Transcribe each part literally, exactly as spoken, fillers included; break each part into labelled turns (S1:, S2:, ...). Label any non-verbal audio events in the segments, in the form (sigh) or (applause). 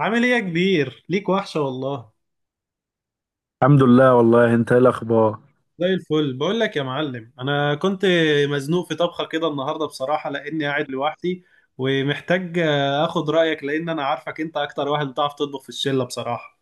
S1: عامل ايه يا كبير؟ ليك وحشة والله.
S2: الحمد لله، والله انت ايه الاخبار؟
S1: زي الفل بقول لك يا معلم، انا كنت مزنوق في طبخه كده النهارده بصراحه، لاني قاعد لوحدي ومحتاج آه، اخد رايك، لان انا عارفك انت اكتر واحد بتعرف تطبخ في الشله بصراحه.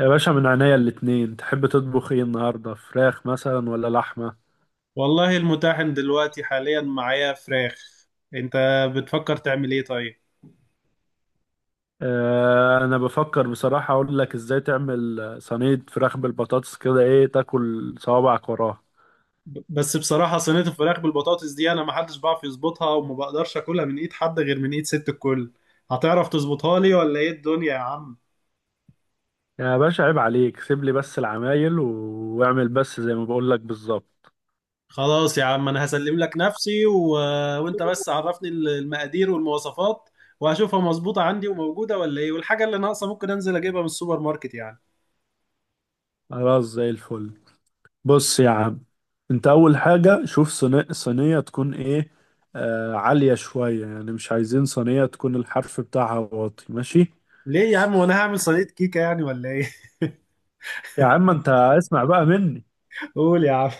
S2: يا باشا، من عينيا الاتنين. تحب تطبخ ايه النهارده؟ فراخ مثلا ولا لحمه؟
S1: والله المتاحن دلوقتي حاليا معايا فراخ. انت بتفكر تعمل ايه طيب؟
S2: اه، انا بفكر بصراحه اقول لك ازاي تعمل صينيه فراخ بالبطاطس كده، ايه تاكل صوابعك وراها.
S1: ب- بس بصراحه صينيه الفراخ بالبطاطس دي انا ما حدش بعرف يظبطها، وما بقدرش اكلها من ايد حد غير من ايد ست الكل. هتعرف تظبطها لي ولا ايه الدنيا يا عم؟
S2: يا باشا عيب عليك، سيب لي بس العمايل و- واعمل بس زي ما بقول لك بالظبط.
S1: خلاص يا عم، انا هسلم لك نفسي و... وانت بس عرفني المقادير والمواصفات، وهشوفها مظبوطة عندي وموجودة ولا ايه، والحاجة اللي ناقصة ممكن انزل اجيبها من السوبر ماركت يعني.
S2: خلاص زي الفل. بص يا عم، انت اول حاجه شوف صينيه، صينيه تكون ايه؟ آه عاليه شويه، يعني مش عايزين صينيه تكون الحرف بتاعها واطي، ماشي.
S1: ليه يا عم، وانا هعمل صينية كيكة يعني ولا ايه؟
S2: يا عم انت اسمع بقى مني.
S1: (laughs) قول يا عم.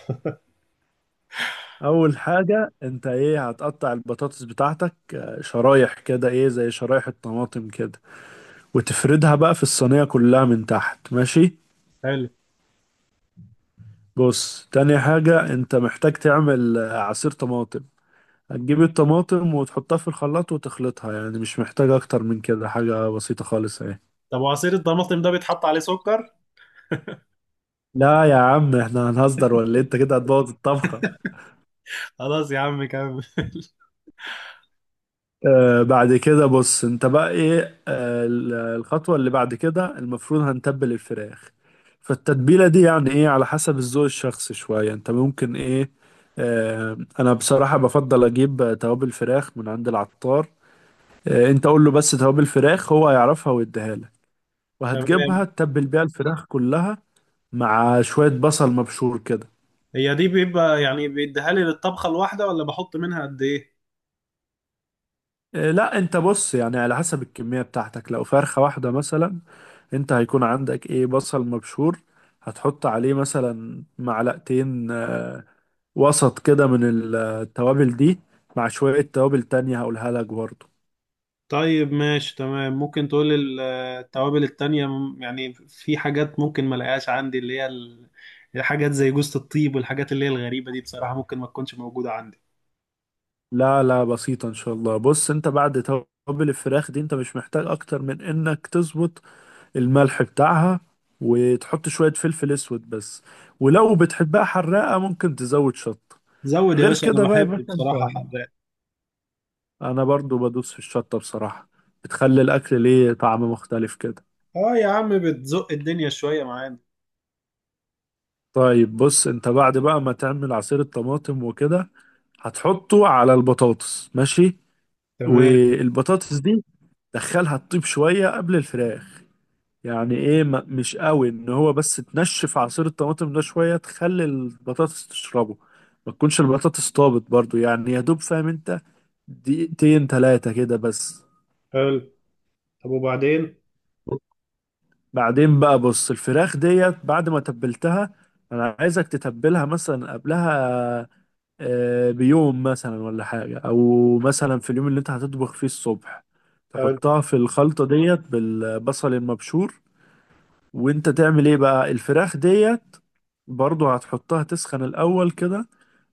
S2: اول حاجة انت ايه، هتقطع البطاطس بتاعتك آه، شرايح كده، ايه زي شرايح الطماطم كده. وتفردها بقى في الصينية كلها من تحت، ماشي.
S1: حلو.
S2: بص، تاني حاجة انت محتاج تعمل آه، عصير طماطم. هتجيب الطماطم وتحطها في الخلاط وتخلطها، يعني مش محتاج اكتر من كده، حاجة بسيطة خالص اهي.
S1: طب وعصير الطماطم ده بيتحط عليه سكر؟
S2: لا يا عم، احنا هنهزر ولا إيه؟ انت كده هتبوظ الطبخة.
S1: خلاص يا عم كمل. (laughs)
S2: آه بعد كده بص، انت بقى ايه، آه ال- الخطوة اللي بعد كده المفروض هنتبل الفراخ. فالتتبيلة دي يعني ايه، على حسب الذوق الشخصي شوية، انت ممكن ايه. آه انا بصراحة بفضل اجيب آه، توابل فراخ من عند العطار. آه انت قول له بس توابل فراخ، هو هيعرفها ويديها لك.
S1: تمام.
S2: وهتجيبها تتبل بيها الفراخ كلها، مع شوية بصل مبشور كده.
S1: هي دي بيبقى يعني بيديها لي للطبخة الواحدة، ولا بحط منها قد ايه؟
S2: إيه، لا انت بص، يعني على حسب الكمية بتاعتك، لو فرخة واحدة مثلا، انت هيكون عندك ايه بصل مبشور، هتحط عليه مثلا معلقتين آه، وسط كده من التوابل دي، مع شوية توابل تانية هقولها لك برضه.
S1: طيب ماشي تمام. ممكن تقول ال- التوابل التانية، م- يعني في حاجات ممكن ما الاقيهاش عندي، اللي هي ال- الحاجات زي جوزة الطيب والحاجات اللي هي الغريبة دي، بصراحة ممكن ما تكونش موجودة عندي.
S2: لا لا، بسيطة ان شاء الله. بص، انت بعد توابل الفراخ دي، انت مش محتاج اكتر من انك تظبط الملح بتاعها، وتحط شوية فلفل اسود بس، ولو بتحبها حراقة ممكن تزود شطة.
S1: زود يا
S2: غير
S1: باشا،
S2: كده
S1: انا
S2: بقى يا
S1: بحب
S2: باشا، انت.
S1: بصراحة حراق.
S2: انا برضو بدوس في الشطة بصراحة، بتخلي الاكل ليه طعم مختلف كده.
S1: اه يا عم، بتزق الدنيا شوية معانا.
S2: طيب بص، انت بعد بقى ما تعمل عصير الطماطم وكده، هتحطه على البطاطس، ماشي.
S1: تمام.
S2: والبطاطس دي دخلها تطيب شوية قبل الفراخ، يعني ايه، ما- مش قوي، ان هو بس تنشف عصير الطماطم ده شوية تخلي البطاطس تشربه. ما تكونش البطاطس طابت برضو، يعني يا دوب، فاهم انت؟ دقيقتين تلاتة كده بس.
S1: حلو. طب وبعدين؟
S2: بعدين بقى بص، الفراخ ديت بعد ما تبلتها، انا عايزك تتبلها مثلا قبلها آه، بيوم مثلا ولا حاجة، او مثلا في اليوم اللي انت هتطبخ فيه الصبح،
S1: حلو.
S2: تحطها في الخلطة ديت بالبصل المبشور. وانت تعمل ايه بقى الفراخ ديت؟ برضو هتحطها تسخن الاول كده،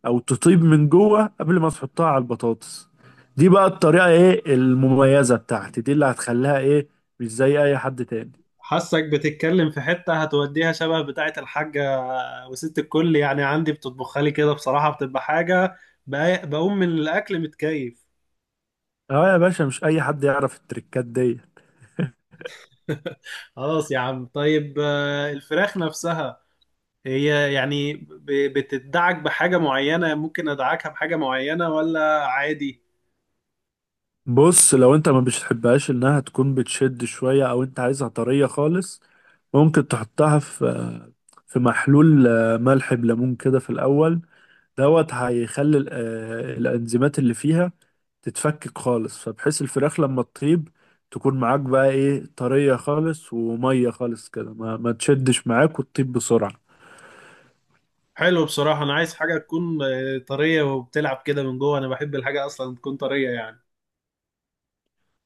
S2: او تطيب من جوه قبل ما تحطها على البطاطس. دي بقى الطريقة ايه المميزة بتاعتي دي اللي هتخليها ايه، مش زي اي حد تاني.
S1: حاسك بتتكلم في حتة هتوديها شبه بتاعة الحاجة. وست الكل يعني عندي بتطبخها لي كده بصراحة، بتبقى حاجة بق- بقوم من الأكل متكيف.
S2: اه يا باشا، مش اي حد يعرف التريكات دي.
S1: خلاص يا عم طيب. آه، الفراخ نفسها هي يعني، ب- بتدعك بحاجة معينة؟ ممكن أدعكها بحاجة معينة ولا عادي؟
S2: بص، لو انت ما بتحبهاش انها تكون بتشد شوية، او انت عايزها طرية خالص، ممكن تحطها في في محلول آه، ملح بليمون كده في الاول. دوت هيخلي ال- آه، الانزيمات اللي فيها تتفكك خالص، فبحيث الفراخ لما تطيب تكون معاك بقى ايه طرية خالص ومية خالص كده، ما, ما تشدش معاك وتطيب بسرعة.
S1: حلو. بصراحة أنا عايز حاجة تكون آه، طرية وبتلعب كده من جوه، أنا بحب الحاجة أصلا تكون طرية يعني.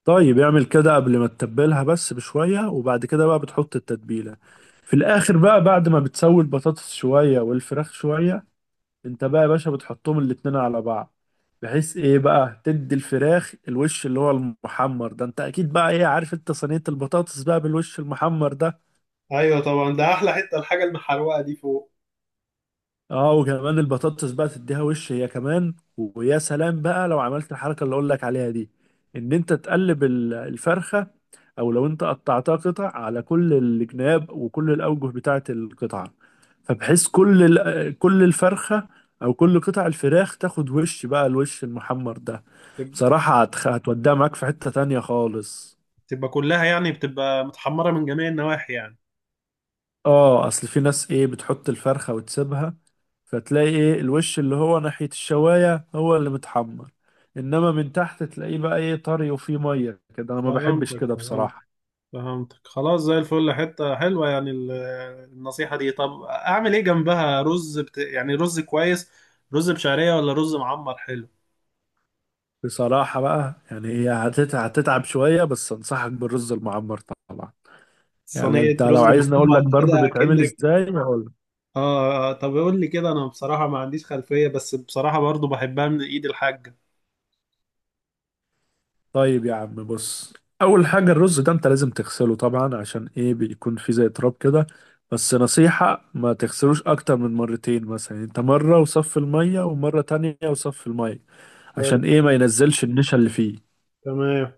S2: طيب اعمل كده قبل ما تتبلها بس بشوية، وبعد كده بقى بتحط التتبيلة في الآخر بقى، بعد ما بتسوي البطاطس شوية والفراخ شوية، انت بقى يا باشا بتحطهم الاتنين على بعض، بحيث ايه بقى تدي الفراخ الوش اللي هو المحمر ده، انت اكيد بقى ايه عارف، انت صينية البطاطس بقى بالوش المحمر ده.
S1: أيوة طبعا، ده أحلى حتة، الحاجة المحروقة دي فوق.
S2: اه، وكمان البطاطس بقى تديها وش هي كمان، ويا سلام بقى لو عملت الحركه اللي اقول لك عليها دي، ان انت تقلب ال- الفرخه، او لو انت قطعتها قطع، على كل الجناب وكل الاوجه بتاعه القطعه، فبحيث كل ال- كل الفرخه او كل قطع الفراخ تاخد وش بقى الوش المحمر ده.
S1: تب-
S2: بصراحه هتخ- هتوديها معاك في حته تانية خالص.
S1: تبقى كلها يعني، بتبقى متحمرة من جميع النواحي يعني؟
S2: اه، اصل في ناس ايه بتحط الفرخه وتسيبها، فتلاقي ايه الوش اللي هو ناحية الشواية هو اللي متحمر، انما من تحت تلاقيه بقى ايه طري وفيه مية كده، انا ما بحبش
S1: فهمتك،
S2: كده
S1: فهمتك،
S2: بصراحة.
S1: فهمتك، خلاص زي الفل. حتة حلوة يعني ال- النصيحة دي. طب أعمل إيه جنبها، رز بت... يعني رز كويس، رز بشعرية ولا رز معمر؟ حلو.
S2: بصراحة بقى يعني هي هتت- هتتعب شوية، بس انصحك بالرز المعمر طبعا. يعني انت
S1: صينية رز
S2: لو عايزني اقول لك
S1: معمر
S2: برضه
S1: كده
S2: بيتعمل
S1: أكنك.
S2: ازاي، هقول لك.
S1: آه آه، طب قول لي كده، أنا بصراحة ما عنديش خلفية، بس بصراحة برضو بحبها من إيد الحاجة.
S2: طيب يا عم بص، اول حاجة، الرز ده انت لازم تغسله طبعا، عشان ايه، بيكون فيه زي تراب كده. بس نصيحة، ما تغسلوش اكتر من مرتين، مثلا انت مرة وصف المية ومرة تانية وصف المية، عشان
S1: حلو.
S2: ايه، ما ينزلش النشا اللي فيه.
S1: تمام.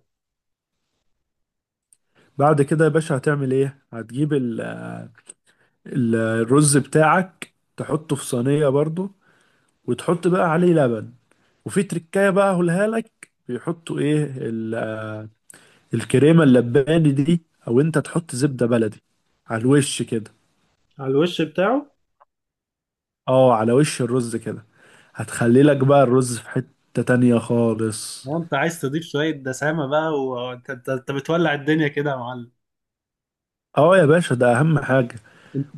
S2: بعد كده يا باشا هتعمل ايه، هتجيب ال... ال- الرز بتاعك تحطه في صينية برضو، وتحط بقى عليه لبن، وفي تركاية بقى هقولها لك، بيحطوا ايه ال... الكريمة اللباني دي، او انت تحط زبدة بلدي على الوش كده.
S1: على الوش بتاعه.
S2: اه، على وش الرز كده. هتخلي لك بقى الرز في حتة تانية خالص.
S1: وأنت عايز تضيف شوية دسامة بقى، وأنت أنت أنت بتولع الدنيا كده يا معلم.
S2: اه يا باشا، ده اهم حاجة.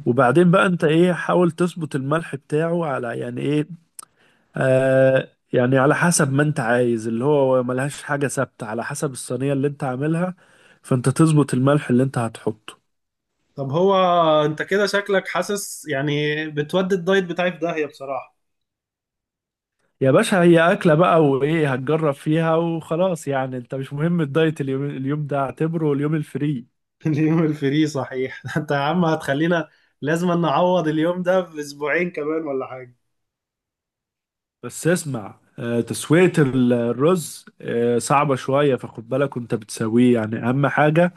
S2: وبعدين بقى انت ايه، حاول تظبط الملح بتاعه على يعني ايه، آه يعني على حسب ما انت عايز، اللي هو ملهاش حاجة ثابتة، على حسب الصينية اللي انت عاملها، فانت تظبط الملح اللي انت هتحطه.
S1: طب هو أنت كده شكلك حاسس يعني بتودي الدايت بتاعي في داهية بصراحة.
S2: يا باشا هي أكلة بقى وإيه، هتجرب فيها وخلاص، يعني انت مش مهم الدايت، اليوم, اليوم ده اعتبره اليوم الفري.
S1: (laughs) اليوم الفري صحيح. (laughs) انت يا عم هتخلينا لازم نعوض اليوم ده باسبوعين كمان ولا حاجه.
S2: بس اسمع، آه تسوية ال- الرز آه صعبة شوية، فخد بالك وانت بتسويه، يعني أهم حاجة،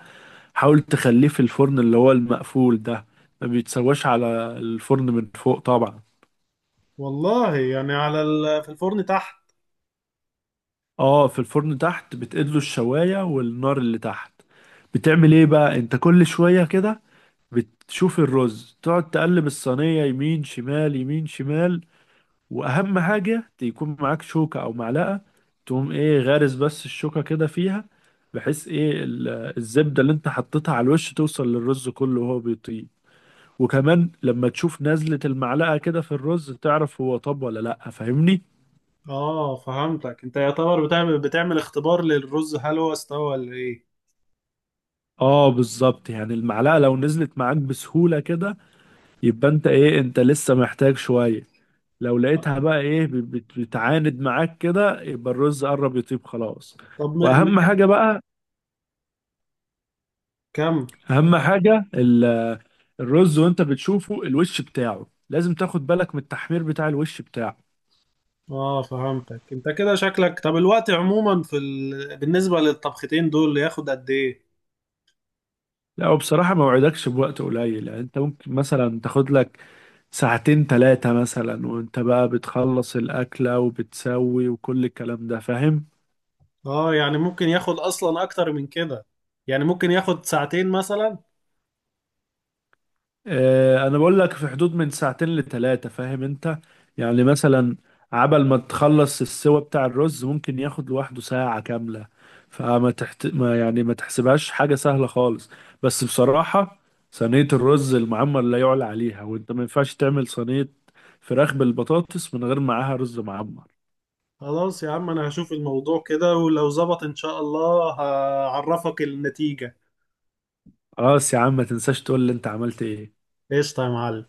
S2: حاول تخليه في الفرن اللي هو المقفول ده. ما بيتسواش على الفرن من فوق طبعا.
S1: والله يعني على ال... في الفرن تحت.
S2: اه، في الفرن تحت بتقله، الشواية والنار اللي تحت بتعمل ايه بقى، انت كل شوية كده بتشوف الرز، تقعد تقلب الصينية يمين شمال يمين شمال. واهم حاجة يكون معاك شوكة او معلقة، تقوم ايه غارس بس الشوكة كده فيها، بحيث ايه ال- الزبدة اللي انت حطيتها على الوش توصل للرز كله وهو بيطيب. وكمان لما تشوف نزلة المعلقة كده في الرز تعرف هو طب ولا لأ، فاهمني؟
S1: اه فهمتك، انت يعتبر بتعمل بتعمل اختبار للرز، هل هو استوى ولا ايه؟
S2: اه بالظبط، يعني المعلقة لو نزلت معاك بسهولة كده، يبقى انت ايه، انت لسه محتاج شوية. لو لقيتها بقى ايه بت- بت- بتعاند معاك كده، يبقى الرز قرب يطيب خلاص.
S1: طب م... م...
S2: واهم حاجة بقى،
S1: كم؟
S2: اهم حاجة ال- الرز وانت بتشوفه الوش بتاعه لازم تاخد بالك من التحمير بتاع الوش بتاعه.
S1: اه فهمتك، انت كده شكلك. طب الوقت عموما في ال... بالنسبه للطبختين دول ياخد قد ايه؟
S2: لا وبصراحة ما وعدكش بوقت قليل، يعني انت ممكن مثلا تاخد لك ساعتين تلاتة مثلا وانت بقى بتخلص الأكلة وبتسوي وكل الكلام ده، فاهم؟
S1: اه، يعني ممكن ياخد اصلا اكتر من كده؟ يعني ممكن ياخد ساعتين مثلا؟
S2: آه، انا بقول لك في حدود من ساعتين لتلاتة، فاهم انت؟ يعني مثلا عبل ما تخلص السوا بتاع الرز ممكن ياخد لوحده ساعة كاملة، فما تحت... ما يعني، ما تحسبهاش حاجة سهلة خالص. بس بصراحة، صينية الرز المعمر لا يعلى عليها، وانت ما ينفعش تعمل صينية فراخ بالبطاطس من غير معاها رز معمر.
S1: خلاص يا عم، انا هشوف الموضوع كده، ولو ظبط ان شاء الله هعرفك النتيجة.
S2: خلاص يا عم، ما تنساش تقول لي انت عملت ايه.
S1: قشطة يا معلم.